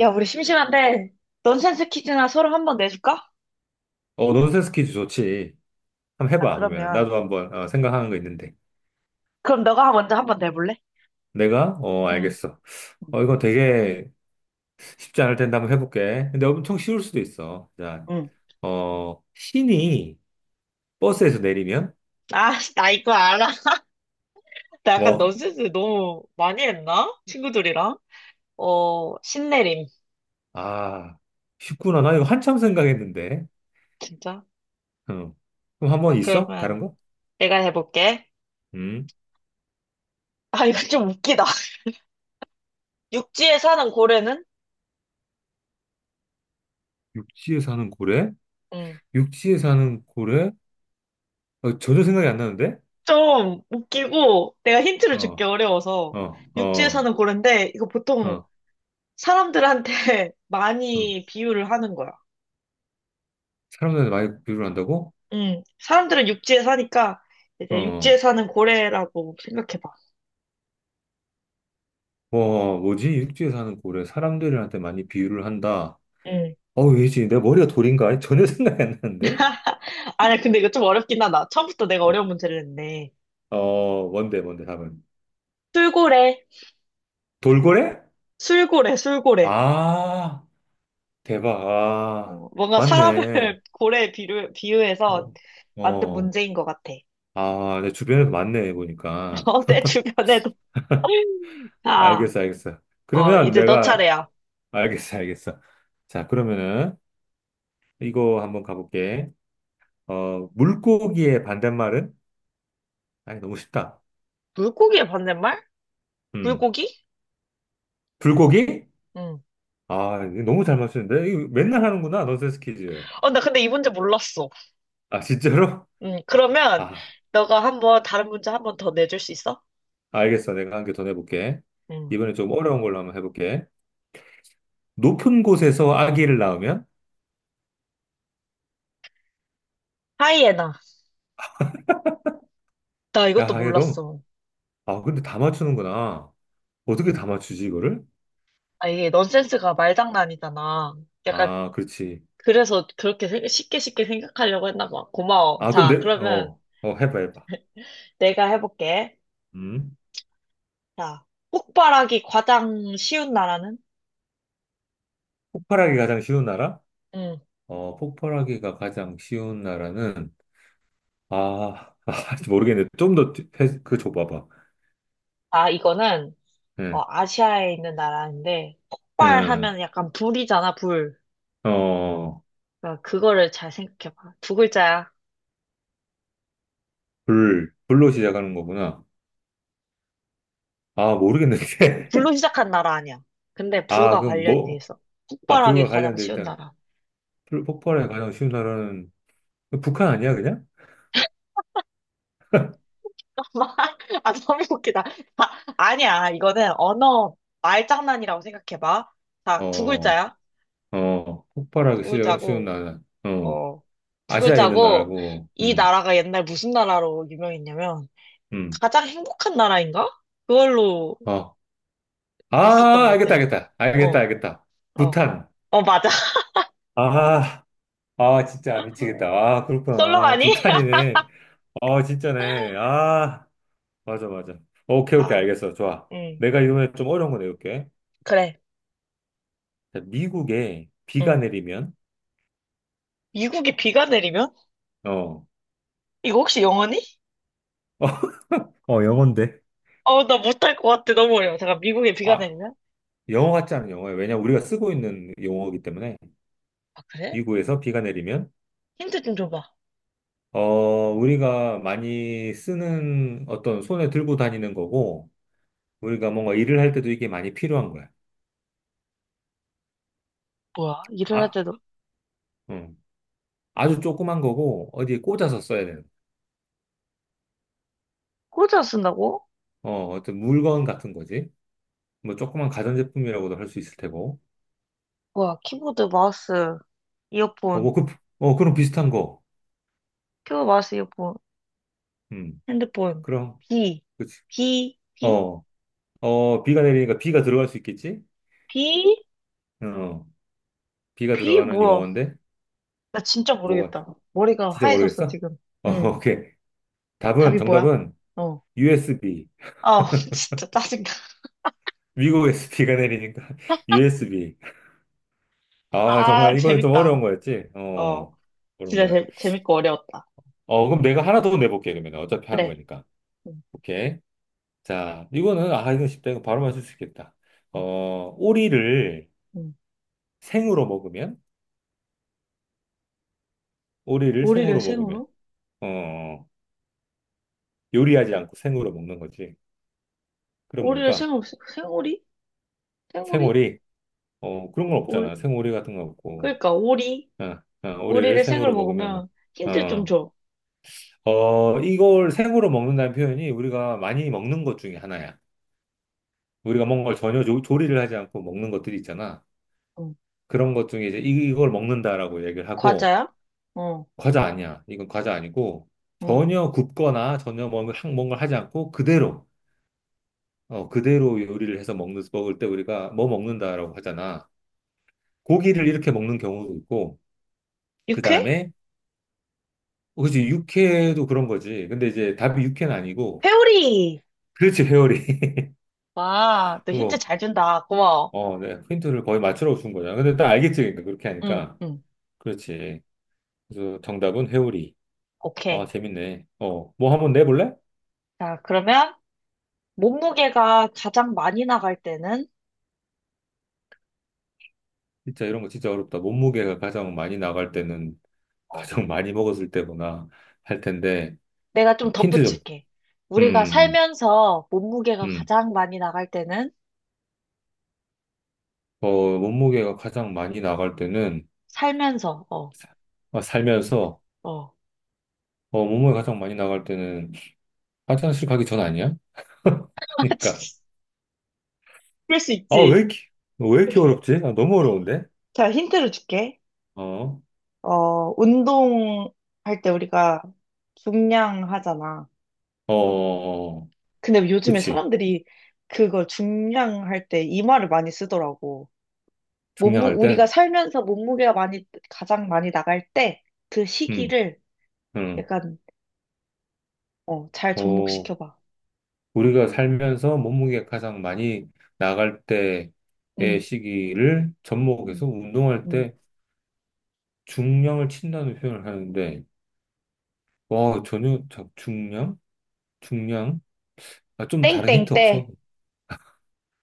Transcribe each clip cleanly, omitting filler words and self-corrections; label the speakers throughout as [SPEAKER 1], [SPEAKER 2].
[SPEAKER 1] 야, 우리 심심한데 넌센스 퀴즈나 서로 한 번 내줄까?
[SPEAKER 2] 논센스 퀴즈 좋지. 한번
[SPEAKER 1] 아,
[SPEAKER 2] 해봐, 그러면.
[SPEAKER 1] 그러면.
[SPEAKER 2] 나도 한번 생각하는 거 있는데.
[SPEAKER 1] 그럼 너가 먼저 한 번 내볼래?
[SPEAKER 2] 내가?
[SPEAKER 1] 응,
[SPEAKER 2] 알겠어.
[SPEAKER 1] 응.
[SPEAKER 2] 이거 되게 쉽지 않을 텐데 한번 해볼게. 근데 엄청 쉬울 수도 있어. 자,
[SPEAKER 1] 응.
[SPEAKER 2] 신이 버스에서 내리면?
[SPEAKER 1] 아, 씨, 나 이거 알아. 나 약간
[SPEAKER 2] 뭐?
[SPEAKER 1] 넌센스 너무 많이 했나? 친구들이랑. 어, 신내림.
[SPEAKER 2] 아, 쉽구나. 나 이거 한참 생각했는데.
[SPEAKER 1] 진짜?
[SPEAKER 2] 어. 그럼
[SPEAKER 1] 자,
[SPEAKER 2] 한번 있어?
[SPEAKER 1] 그러면
[SPEAKER 2] 다른 거?
[SPEAKER 1] 내가 해볼게.
[SPEAKER 2] 음.
[SPEAKER 1] 아, 이거 좀 웃기다. 육지에 사는 고래는?
[SPEAKER 2] 육지에 사는 고래?
[SPEAKER 1] 응.
[SPEAKER 2] 육지에 사는 고래? 전혀 생각이 안 나는데?
[SPEAKER 1] 좀 웃기고, 내가 힌트를 주기
[SPEAKER 2] 어,
[SPEAKER 1] 어려워서.
[SPEAKER 2] 어,
[SPEAKER 1] 육지에
[SPEAKER 2] 어,
[SPEAKER 1] 사는 고래인데, 이거 보통
[SPEAKER 2] 어.
[SPEAKER 1] 사람들한테
[SPEAKER 2] 어.
[SPEAKER 1] 많이 비유를 하는 거야.
[SPEAKER 2] 사람들한테 많이 비유를 한다고?
[SPEAKER 1] 사람들은 육지에 사니까
[SPEAKER 2] 어.
[SPEAKER 1] 이제 육지에
[SPEAKER 2] 어.
[SPEAKER 1] 사는 고래라고 생각해봐.
[SPEAKER 2] 와, 뭐지? 육지에 사는 고래 사람들한테 많이 비유를 한다.
[SPEAKER 1] 음.
[SPEAKER 2] 어, 왜지? 내 머리가 돌인가? 전혀 생각이 안 나는데?
[SPEAKER 1] 아니, 근데 이거 좀 어렵긴 하다. 처음부터 내가
[SPEAKER 2] 어,
[SPEAKER 1] 어려운 문제를 냈네.
[SPEAKER 2] 어, 뭔데, 뭔데, 답은.
[SPEAKER 1] 술고래,
[SPEAKER 2] 돌고래?
[SPEAKER 1] 술고래.
[SPEAKER 2] 아, 대박. 아,
[SPEAKER 1] 어, 뭔가 사람을
[SPEAKER 2] 맞네.
[SPEAKER 1] 고래에 비유, 비유해서
[SPEAKER 2] 어,
[SPEAKER 1] 만든
[SPEAKER 2] 어.
[SPEAKER 1] 문제인 것 같아.
[SPEAKER 2] 아, 내 주변에도 많네, 보니까.
[SPEAKER 1] 어, 내 주변에도. 자,
[SPEAKER 2] 알겠어, 알겠어.
[SPEAKER 1] 어,
[SPEAKER 2] 그러면
[SPEAKER 1] 이제 너
[SPEAKER 2] 내가,
[SPEAKER 1] 차례야.
[SPEAKER 2] 알겠어, 알겠어. 자, 그러면은, 이거 한번 가볼게. 물고기의 반대말은? 아니, 너무 쉽다.
[SPEAKER 1] 물고기의 반대말?
[SPEAKER 2] 음.
[SPEAKER 1] 물고기?
[SPEAKER 2] 불고기?
[SPEAKER 1] 응.
[SPEAKER 2] 아, 이거 너무 잘 맞추는데? 이거 맨날 하는구나, 넌센스 퀴즈.
[SPEAKER 1] 어, 나 근데 이 문제 몰랐어.
[SPEAKER 2] 아, 진짜로?
[SPEAKER 1] 응, 그러면
[SPEAKER 2] 아,
[SPEAKER 1] 너가 한번 다른 문제 한 번 더 내줄 수 있어?
[SPEAKER 2] 알겠어. 내가 한 개 더 내볼게.
[SPEAKER 1] 응.
[SPEAKER 2] 이번에 좀 어려운 걸로 한번 해볼게. 높은 곳에서 아기를 낳으면?
[SPEAKER 1] 하이에나. 나 이것도
[SPEAKER 2] 야, 이게 너무,
[SPEAKER 1] 몰랐어.
[SPEAKER 2] 아, 근데 다 맞추는구나. 어떻게 다 맞추지, 이거를?
[SPEAKER 1] 아, 이게 넌센스가 말장난이잖아. 약간,
[SPEAKER 2] 아, 그렇지.
[SPEAKER 1] 그래서 쉽게 쉽게 생각하려고 했나 봐. 고마워.
[SPEAKER 2] 아, 그럼 내,
[SPEAKER 1] 자, 그러면
[SPEAKER 2] 해봐, 해봐.
[SPEAKER 1] 내가 해볼게.
[SPEAKER 2] 음?
[SPEAKER 1] 자, 폭발하기 가장 쉬운 나라는?
[SPEAKER 2] 폭발하기 가장 쉬운 나라?
[SPEAKER 1] 응.
[SPEAKER 2] 폭발하기가 가장 쉬운 나라는, 아, 아, 모르겠네. 좀 더, 그, 줘봐봐.
[SPEAKER 1] 아, 이거는,
[SPEAKER 2] 응,
[SPEAKER 1] 어, 아시아에 있는 나라인데,
[SPEAKER 2] 응,
[SPEAKER 1] 폭발하면 약간 불이잖아, 불.
[SPEAKER 2] 어. 어.
[SPEAKER 1] 그러니까 그거를 잘 생각해봐. 두 글자야.
[SPEAKER 2] 불, 불로 시작하는 거구나. 아, 모르겠는데.
[SPEAKER 1] 불로 시작한 나라 아니야. 근데
[SPEAKER 2] 아,
[SPEAKER 1] 불과
[SPEAKER 2] 그럼
[SPEAKER 1] 관련이 돼
[SPEAKER 2] 뭐,
[SPEAKER 1] 있어.
[SPEAKER 2] 아,
[SPEAKER 1] 폭발하기
[SPEAKER 2] 불과
[SPEAKER 1] 가장
[SPEAKER 2] 관련돼
[SPEAKER 1] 쉬운
[SPEAKER 2] 있다.
[SPEAKER 1] 나라.
[SPEAKER 2] 불, 폭발에 가장 쉬운 나라는, 북한 아니야, 그냥?
[SPEAKER 1] 아, 너무 웃기다. 아, 아니야. 이거는 언어 말장난이라고 생각해봐. 자, 두
[SPEAKER 2] 어,
[SPEAKER 1] 글자야.
[SPEAKER 2] 폭발하기
[SPEAKER 1] 두
[SPEAKER 2] 쉬운
[SPEAKER 1] 글자고,
[SPEAKER 2] 나라. 어,
[SPEAKER 1] 어, 두
[SPEAKER 2] 아시아에 있는
[SPEAKER 1] 글자고,
[SPEAKER 2] 나라고,
[SPEAKER 1] 이 나라가 옛날 무슨 나라로 유명했냐면,
[SPEAKER 2] 음,
[SPEAKER 1] 가장 행복한 나라인가? 그걸로
[SPEAKER 2] 어.
[SPEAKER 1] 있었던
[SPEAKER 2] 아,
[SPEAKER 1] 것
[SPEAKER 2] 알겠다,
[SPEAKER 1] 같아.
[SPEAKER 2] 알겠다. 알겠다,
[SPEAKER 1] 어,
[SPEAKER 2] 알겠다.
[SPEAKER 1] 어.
[SPEAKER 2] 부탄.
[SPEAKER 1] 어, 맞아.
[SPEAKER 2] 아, 아, 진짜 미치겠다. 아, 그렇구나. 아,
[SPEAKER 1] 썰렁하니?
[SPEAKER 2] 부탄이네. 아, 진짜네. 아, 맞아, 맞아. 오케이, 오케이,
[SPEAKER 1] 자,
[SPEAKER 2] 알겠어. 좋아.
[SPEAKER 1] 음,
[SPEAKER 2] 내가 이번에 좀 어려운 거 내볼게.
[SPEAKER 1] 그래.
[SPEAKER 2] 미국에 비가
[SPEAKER 1] 음.
[SPEAKER 2] 내리면.
[SPEAKER 1] 미국에 비가 내리면?
[SPEAKER 2] 어,
[SPEAKER 1] 이거 혹시 영어니?
[SPEAKER 2] 어, 영어인데.
[SPEAKER 1] 어, 나 못할 것 같아. 너무 어려워. 잠깐, 미국에 비가
[SPEAKER 2] 아,
[SPEAKER 1] 내리면?
[SPEAKER 2] 영어 같지 않은 영어예요. 왜냐 우리가 쓰고 있는 용어이기 때문에.
[SPEAKER 1] 아, 그래?
[SPEAKER 2] 미국에서 비가 내리면
[SPEAKER 1] 힌트 좀 줘봐.
[SPEAKER 2] 어, 우리가 많이 쓰는 어떤 손에 들고 다니는 거고 우리가 뭔가 일을 할 때도 이게 많이 필요한 거야.
[SPEAKER 1] 뭐야, 일을 할
[SPEAKER 2] 아,
[SPEAKER 1] 때도
[SPEAKER 2] 음. 아주 조그만 거고 어디에 꽂아서 써야 되는
[SPEAKER 1] 꽂아 쓴다고?
[SPEAKER 2] 어떤 물건 같은 거지. 뭐 조그만 가전제품이라고도 할 수 있을 테고.
[SPEAKER 1] 뭐야, 키보드, 마우스, 이어폰,
[SPEAKER 2] 뭐 그, 그런 비슷한 거.
[SPEAKER 1] 키보드, 마우스, 이어폰,
[SPEAKER 2] 음,
[SPEAKER 1] 핸드폰,
[SPEAKER 2] 그럼,
[SPEAKER 1] 비,
[SPEAKER 2] 그치.
[SPEAKER 1] 비, 비,
[SPEAKER 2] 어, 비가 내리니까 비가 들어갈 수 있겠지?
[SPEAKER 1] 비,
[SPEAKER 2] 어, 비가
[SPEAKER 1] 비,
[SPEAKER 2] 들어가는
[SPEAKER 1] 뭐야?
[SPEAKER 2] 용어인데,
[SPEAKER 1] 나 진짜
[SPEAKER 2] 뭐가,
[SPEAKER 1] 모르겠다. 머리가
[SPEAKER 2] 진짜
[SPEAKER 1] 하얘졌어,
[SPEAKER 2] 모르겠어?
[SPEAKER 1] 지금.
[SPEAKER 2] 어,
[SPEAKER 1] 응,
[SPEAKER 2] 오케이. 답은,
[SPEAKER 1] 답이 뭐야?
[SPEAKER 2] 정답은
[SPEAKER 1] 어.
[SPEAKER 2] USB.
[SPEAKER 1] 아, 진짜 짜증나.
[SPEAKER 2] 미국에서 비가 내리니까 USB. 아,
[SPEAKER 1] 아,
[SPEAKER 2] 정말 이거는 좀
[SPEAKER 1] 재밌다.
[SPEAKER 2] 어려운 거였지?
[SPEAKER 1] 어,
[SPEAKER 2] 어려운 거야.
[SPEAKER 1] 재밌고 어려웠다.
[SPEAKER 2] 그럼 내가 하나 더 내볼게, 그러면. 어차피 한
[SPEAKER 1] 그래.
[SPEAKER 2] 거니까.
[SPEAKER 1] 응,
[SPEAKER 2] 오케이. 자, 이거는, 아, 이건 쉽다. 이거 바로 맞출 수 있겠다.
[SPEAKER 1] 응,
[SPEAKER 2] 오리를
[SPEAKER 1] 응.
[SPEAKER 2] 생으로 먹으면? 오리를
[SPEAKER 1] 오리를
[SPEAKER 2] 생으로 먹으면?
[SPEAKER 1] 생으로?
[SPEAKER 2] 어, 요리하지 않고 생으로 먹는 거지. 그럼
[SPEAKER 1] 오리를
[SPEAKER 2] 뭘까?
[SPEAKER 1] 생으로, 생오리? 생오리?
[SPEAKER 2] 생오리? 어, 그런 건
[SPEAKER 1] 오리.
[SPEAKER 2] 없잖아. 생오리 같은 거 없고.
[SPEAKER 1] 그러니까, 오리.
[SPEAKER 2] 어, 오리를
[SPEAKER 1] 오리를 생으로
[SPEAKER 2] 생으로 먹으면 뭐.
[SPEAKER 1] 먹으면 힌트 좀
[SPEAKER 2] 어,
[SPEAKER 1] 줘.
[SPEAKER 2] 이걸 생으로 먹는다는 표현이 우리가 많이 먹는 것 중에 하나야. 우리가 먹는 걸 전혀 조리를 하지 않고 먹는 것들이 있잖아.
[SPEAKER 1] 응.
[SPEAKER 2] 그런 것 중에 이제 이걸 먹는다라고 얘기를 하고,
[SPEAKER 1] 과자야? 어,
[SPEAKER 2] 과자 아니야. 이건 과자 아니고,
[SPEAKER 1] 응.
[SPEAKER 2] 전혀 굽거나 전혀 뭔가 뭔가를 하지 않고 그대로, 그대로 요리를 해서 먹는, 먹을 때 우리가 뭐 먹는다라고 하잖아. 고기를 이렇게 먹는 경우도 있고, 그
[SPEAKER 1] 육회?
[SPEAKER 2] 다음에 어, 그치, 육회도 그런 거지. 근데 이제 답이 육회는 아니고,
[SPEAKER 1] 회오리!
[SPEAKER 2] 그렇지, 회오리.
[SPEAKER 1] 와, 너 힌트
[SPEAKER 2] 뭐,
[SPEAKER 1] 잘 준다. 고마워.
[SPEAKER 2] 어, 네, 힌트를 거의 맞추라고 준 거잖아. 근데 딱 알겠지, 그러니까, 그렇게
[SPEAKER 1] 응,
[SPEAKER 2] 하니까.
[SPEAKER 1] 응.
[SPEAKER 2] 그렇지. 그래서 정답은 회오리. 아,
[SPEAKER 1] 오케이.
[SPEAKER 2] 재밌네. 뭐 한번 내볼래?
[SPEAKER 1] 자, 그러면 몸무게가 가장 많이 나갈 때는
[SPEAKER 2] 진짜 이런 거 진짜 어렵다. 몸무게가 가장 많이 나갈 때는
[SPEAKER 1] 어,
[SPEAKER 2] 가장 많이 먹었을 때구나 할 텐데,
[SPEAKER 1] 내가 좀
[SPEAKER 2] 힌트 좀.
[SPEAKER 1] 덧붙일게. 우리가
[SPEAKER 2] 음,
[SPEAKER 1] 살면서 몸무게가
[SPEAKER 2] 음.
[SPEAKER 1] 가장 많이 나갈 때는
[SPEAKER 2] 몸무게가 가장 많이 나갈 때는,
[SPEAKER 1] 살면서 어,
[SPEAKER 2] 사- 아, 살면서,
[SPEAKER 1] 어.
[SPEAKER 2] 몸무게가 가장 많이 나갈 때는 화장실 가기 전 아니야?
[SPEAKER 1] 아,
[SPEAKER 2] 그러니까,
[SPEAKER 1] 진짜. 그럴 수
[SPEAKER 2] 아, 왜
[SPEAKER 1] 있지.
[SPEAKER 2] 이렇게, 왜 이렇게 어렵지? 아, 너무 어려운데?
[SPEAKER 1] 자, 힌트를 줄게.
[SPEAKER 2] 어, 어,
[SPEAKER 1] 어, 운동할 때 우리가 중량 하잖아.
[SPEAKER 2] 어, 어.
[SPEAKER 1] 근데 요즘에
[SPEAKER 2] 그치.
[SPEAKER 1] 사람들이 그걸 중량할 때 이 말을 많이 쓰더라고.
[SPEAKER 2] 증량할 때,
[SPEAKER 1] 우리가 살면서 몸무게가 가장 많이 나갈 때 그
[SPEAKER 2] 응.
[SPEAKER 1] 시기를
[SPEAKER 2] 응.
[SPEAKER 1] 약간, 어, 잘
[SPEAKER 2] 어,
[SPEAKER 1] 접목시켜봐.
[SPEAKER 2] 우리가 살면서 몸무게 가장 많이 나갈 때의
[SPEAKER 1] 응,
[SPEAKER 2] 시기를
[SPEAKER 1] 응,
[SPEAKER 2] 접목해서 운동할
[SPEAKER 1] 응.
[SPEAKER 2] 때 중량을 친다는 표현을 하는데, 와, 전혀 중량, 중량, 아, 좀 다른
[SPEAKER 1] 땡땡
[SPEAKER 2] 힌트
[SPEAKER 1] 때.
[SPEAKER 2] 없어.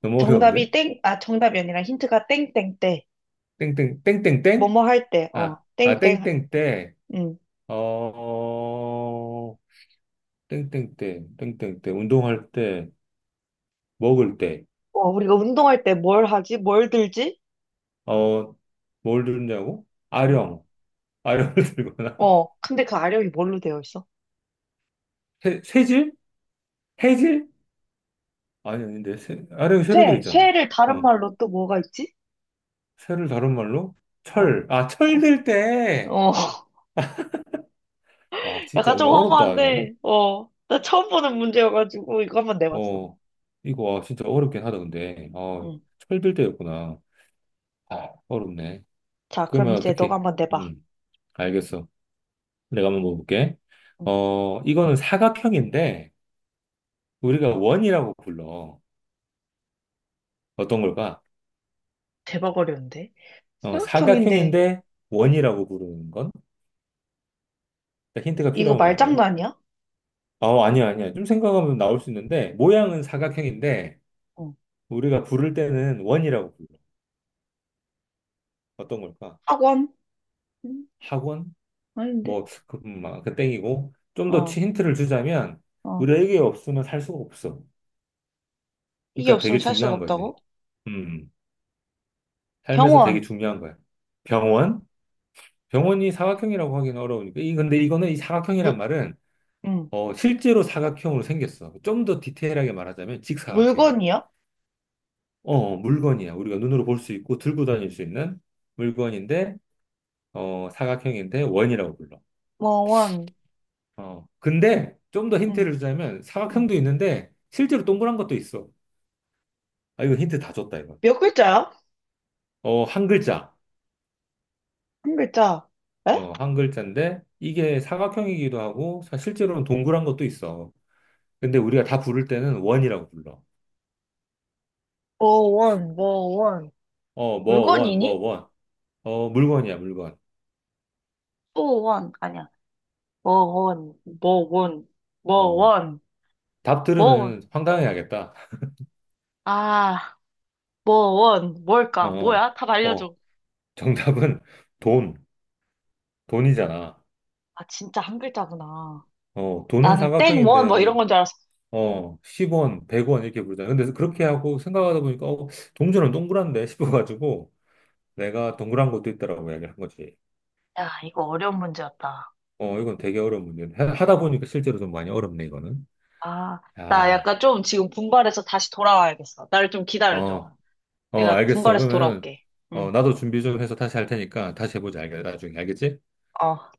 [SPEAKER 2] 너무 어려운데?
[SPEAKER 1] 정답이 아니라 힌트가 땡땡 때.
[SPEAKER 2] 땡땡 땡땡땡?
[SPEAKER 1] 뭐뭐 할 때,
[SPEAKER 2] 아,
[SPEAKER 1] 어,
[SPEAKER 2] 아
[SPEAKER 1] 땡땡,
[SPEAKER 2] 땡땡땡.
[SPEAKER 1] 응.
[SPEAKER 2] 어, 땡땡땡, 땡땡땡, 운동할 때, 먹을 때,
[SPEAKER 1] 어, 우리가 운동할 때 뭘 하지? 뭘 들지?
[SPEAKER 2] 어, 뭘 들냐고?
[SPEAKER 1] 응.
[SPEAKER 2] 아령, 아령을 들거나.
[SPEAKER 1] 어, 근데 그 아령이 뭘로 되어 있어?
[SPEAKER 2] 새질? 해질? 아니, 아닌데, 새, 아령이 새로 돼 있잖아.
[SPEAKER 1] 쇠를 다른
[SPEAKER 2] 어,
[SPEAKER 1] 말로 또 뭐가 있지?
[SPEAKER 2] 새를 다른 말로?
[SPEAKER 1] 어,
[SPEAKER 2] 철, 아, 철
[SPEAKER 1] 어,
[SPEAKER 2] 들 때!
[SPEAKER 1] 어.
[SPEAKER 2] 와, 진짜
[SPEAKER 1] 약간 좀
[SPEAKER 2] 이거 어렵다, 이거.
[SPEAKER 1] 허무한데, 어, 나 처음 보는 문제여가지고 이거 한번 내봤어.
[SPEAKER 2] 어, 이거, 와, 진짜 어렵긴 하다, 근데. 어,
[SPEAKER 1] 응.
[SPEAKER 2] 철들 때였구나. 아, 어렵네.
[SPEAKER 1] 자, 그럼
[SPEAKER 2] 그러면
[SPEAKER 1] 이제 너가
[SPEAKER 2] 어떻게,
[SPEAKER 1] 한번 내봐.
[SPEAKER 2] 음, 알겠어. 내가 한번 먹어볼게.
[SPEAKER 1] 응.
[SPEAKER 2] 이거는 사각형인데, 우리가 원이라고 불러. 어떤 걸까?
[SPEAKER 1] 대박 어려운데. 사각형인데,
[SPEAKER 2] 사각형인데, 원이라고 부르는 건? 나 힌트가
[SPEAKER 1] 이거
[SPEAKER 2] 필요하면 말해.
[SPEAKER 1] 말장난 아니야?
[SPEAKER 2] 어, 아니야, 아니야. 좀 생각하면 나올 수 있는데, 모양은 사각형인데,
[SPEAKER 1] 응.
[SPEAKER 2] 우리가 부를 때는 원이라고 불러. 어떤 걸까?
[SPEAKER 1] 학원? 응.
[SPEAKER 2] 학원?
[SPEAKER 1] 아닌데.
[SPEAKER 2] 뭐, 그, 아, 그 땡이고. 좀 더
[SPEAKER 1] 어,
[SPEAKER 2] 힌트를 주자면, 우
[SPEAKER 1] 어.
[SPEAKER 2] 리에게 없으면 살 수가 없어.
[SPEAKER 1] 이게
[SPEAKER 2] 그러니까
[SPEAKER 1] 없으면
[SPEAKER 2] 되게
[SPEAKER 1] 살 수가
[SPEAKER 2] 중요한 거지.
[SPEAKER 1] 없다고?
[SPEAKER 2] 음, 음. 삶에서 되게
[SPEAKER 1] 병원.
[SPEAKER 2] 중요한 거야. 병원? 병원이 사각형이라고 하기는 어려우니까. 이, 근데 이거는 이 사각형이란
[SPEAKER 1] 물,
[SPEAKER 2] 말은
[SPEAKER 1] 응.
[SPEAKER 2] 어, 실제로 사각형으로 생겼어. 좀 더 디테일하게 말하자면 직사각형이야.
[SPEAKER 1] 물건이야?
[SPEAKER 2] 물건이야. 우리가 눈으로 볼 수 있고 들고 다닐 수 있는 물건인데 사각형인데 원이라고 불러.
[SPEAKER 1] 뭐원.
[SPEAKER 2] 어, 근데 좀 더
[SPEAKER 1] 응,
[SPEAKER 2] 힌트를 주자면
[SPEAKER 1] 응.
[SPEAKER 2] 사각형도 있는데 실제로 동그란 것도 있어. 아, 이거 힌트 다 줬다, 이거.
[SPEAKER 1] 몇 글자야?
[SPEAKER 2] 어, 한 글자.
[SPEAKER 1] 한 글자. 에?
[SPEAKER 2] 어, 한 글자인데 이게 사각형이기도 하고 실제로는 동그란 것도 있어. 근데 우리가 다 부를 때는 원이라고 불러.
[SPEAKER 1] 뭐원, 뭐원.
[SPEAKER 2] 어, 뭐, 원, 뭐,
[SPEAKER 1] 물건이니?
[SPEAKER 2] 원. 물건이야, 물건.
[SPEAKER 1] 뭐원. 아니야. 뭐원, 뭐원,
[SPEAKER 2] 어,
[SPEAKER 1] 뭐원.
[SPEAKER 2] 답
[SPEAKER 1] 뭐,
[SPEAKER 2] 들으면 황당해야겠다.
[SPEAKER 1] 아, 뭐 원, 뭘까?
[SPEAKER 2] 어,
[SPEAKER 1] 뭐야? 답
[SPEAKER 2] 어,
[SPEAKER 1] 알려줘.
[SPEAKER 2] 정답은 돈, 돈이잖아.
[SPEAKER 1] 아, 진짜 한 글자구나.
[SPEAKER 2] 어, 돈은
[SPEAKER 1] 나는 땡 원,
[SPEAKER 2] 삼각형인데,
[SPEAKER 1] 뭐
[SPEAKER 2] 우리,
[SPEAKER 1] 이런 건 줄 알았어.
[SPEAKER 2] 어, 10원, 100원 이렇게 부르잖아. 근데 그렇게 하고 생각하다 보니까, 어, 동전은 동그란데 싶어가지고, 내가 동그란 것도 있다라고 이야기를 한 거지.
[SPEAKER 1] 야, 이거 어려운 문제였다.
[SPEAKER 2] 이건 되게 어려운 문제인데, 하다 보니까 실제로 좀 많이 어렵네, 이거는.
[SPEAKER 1] 아, 나
[SPEAKER 2] 아,
[SPEAKER 1] 약간 좀 지금 분발해서 다시 돌아와야겠어. 나를 좀 기다려줘.
[SPEAKER 2] 어,
[SPEAKER 1] 내가
[SPEAKER 2] 알겠어.
[SPEAKER 1] 분발해서
[SPEAKER 2] 그러면,
[SPEAKER 1] 돌아올게.
[SPEAKER 2] 어,
[SPEAKER 1] 응,
[SPEAKER 2] 나도 준비 좀 해서 다시 할 테니까 다시 해보자, 알, 나중에. 알겠지?
[SPEAKER 1] 어.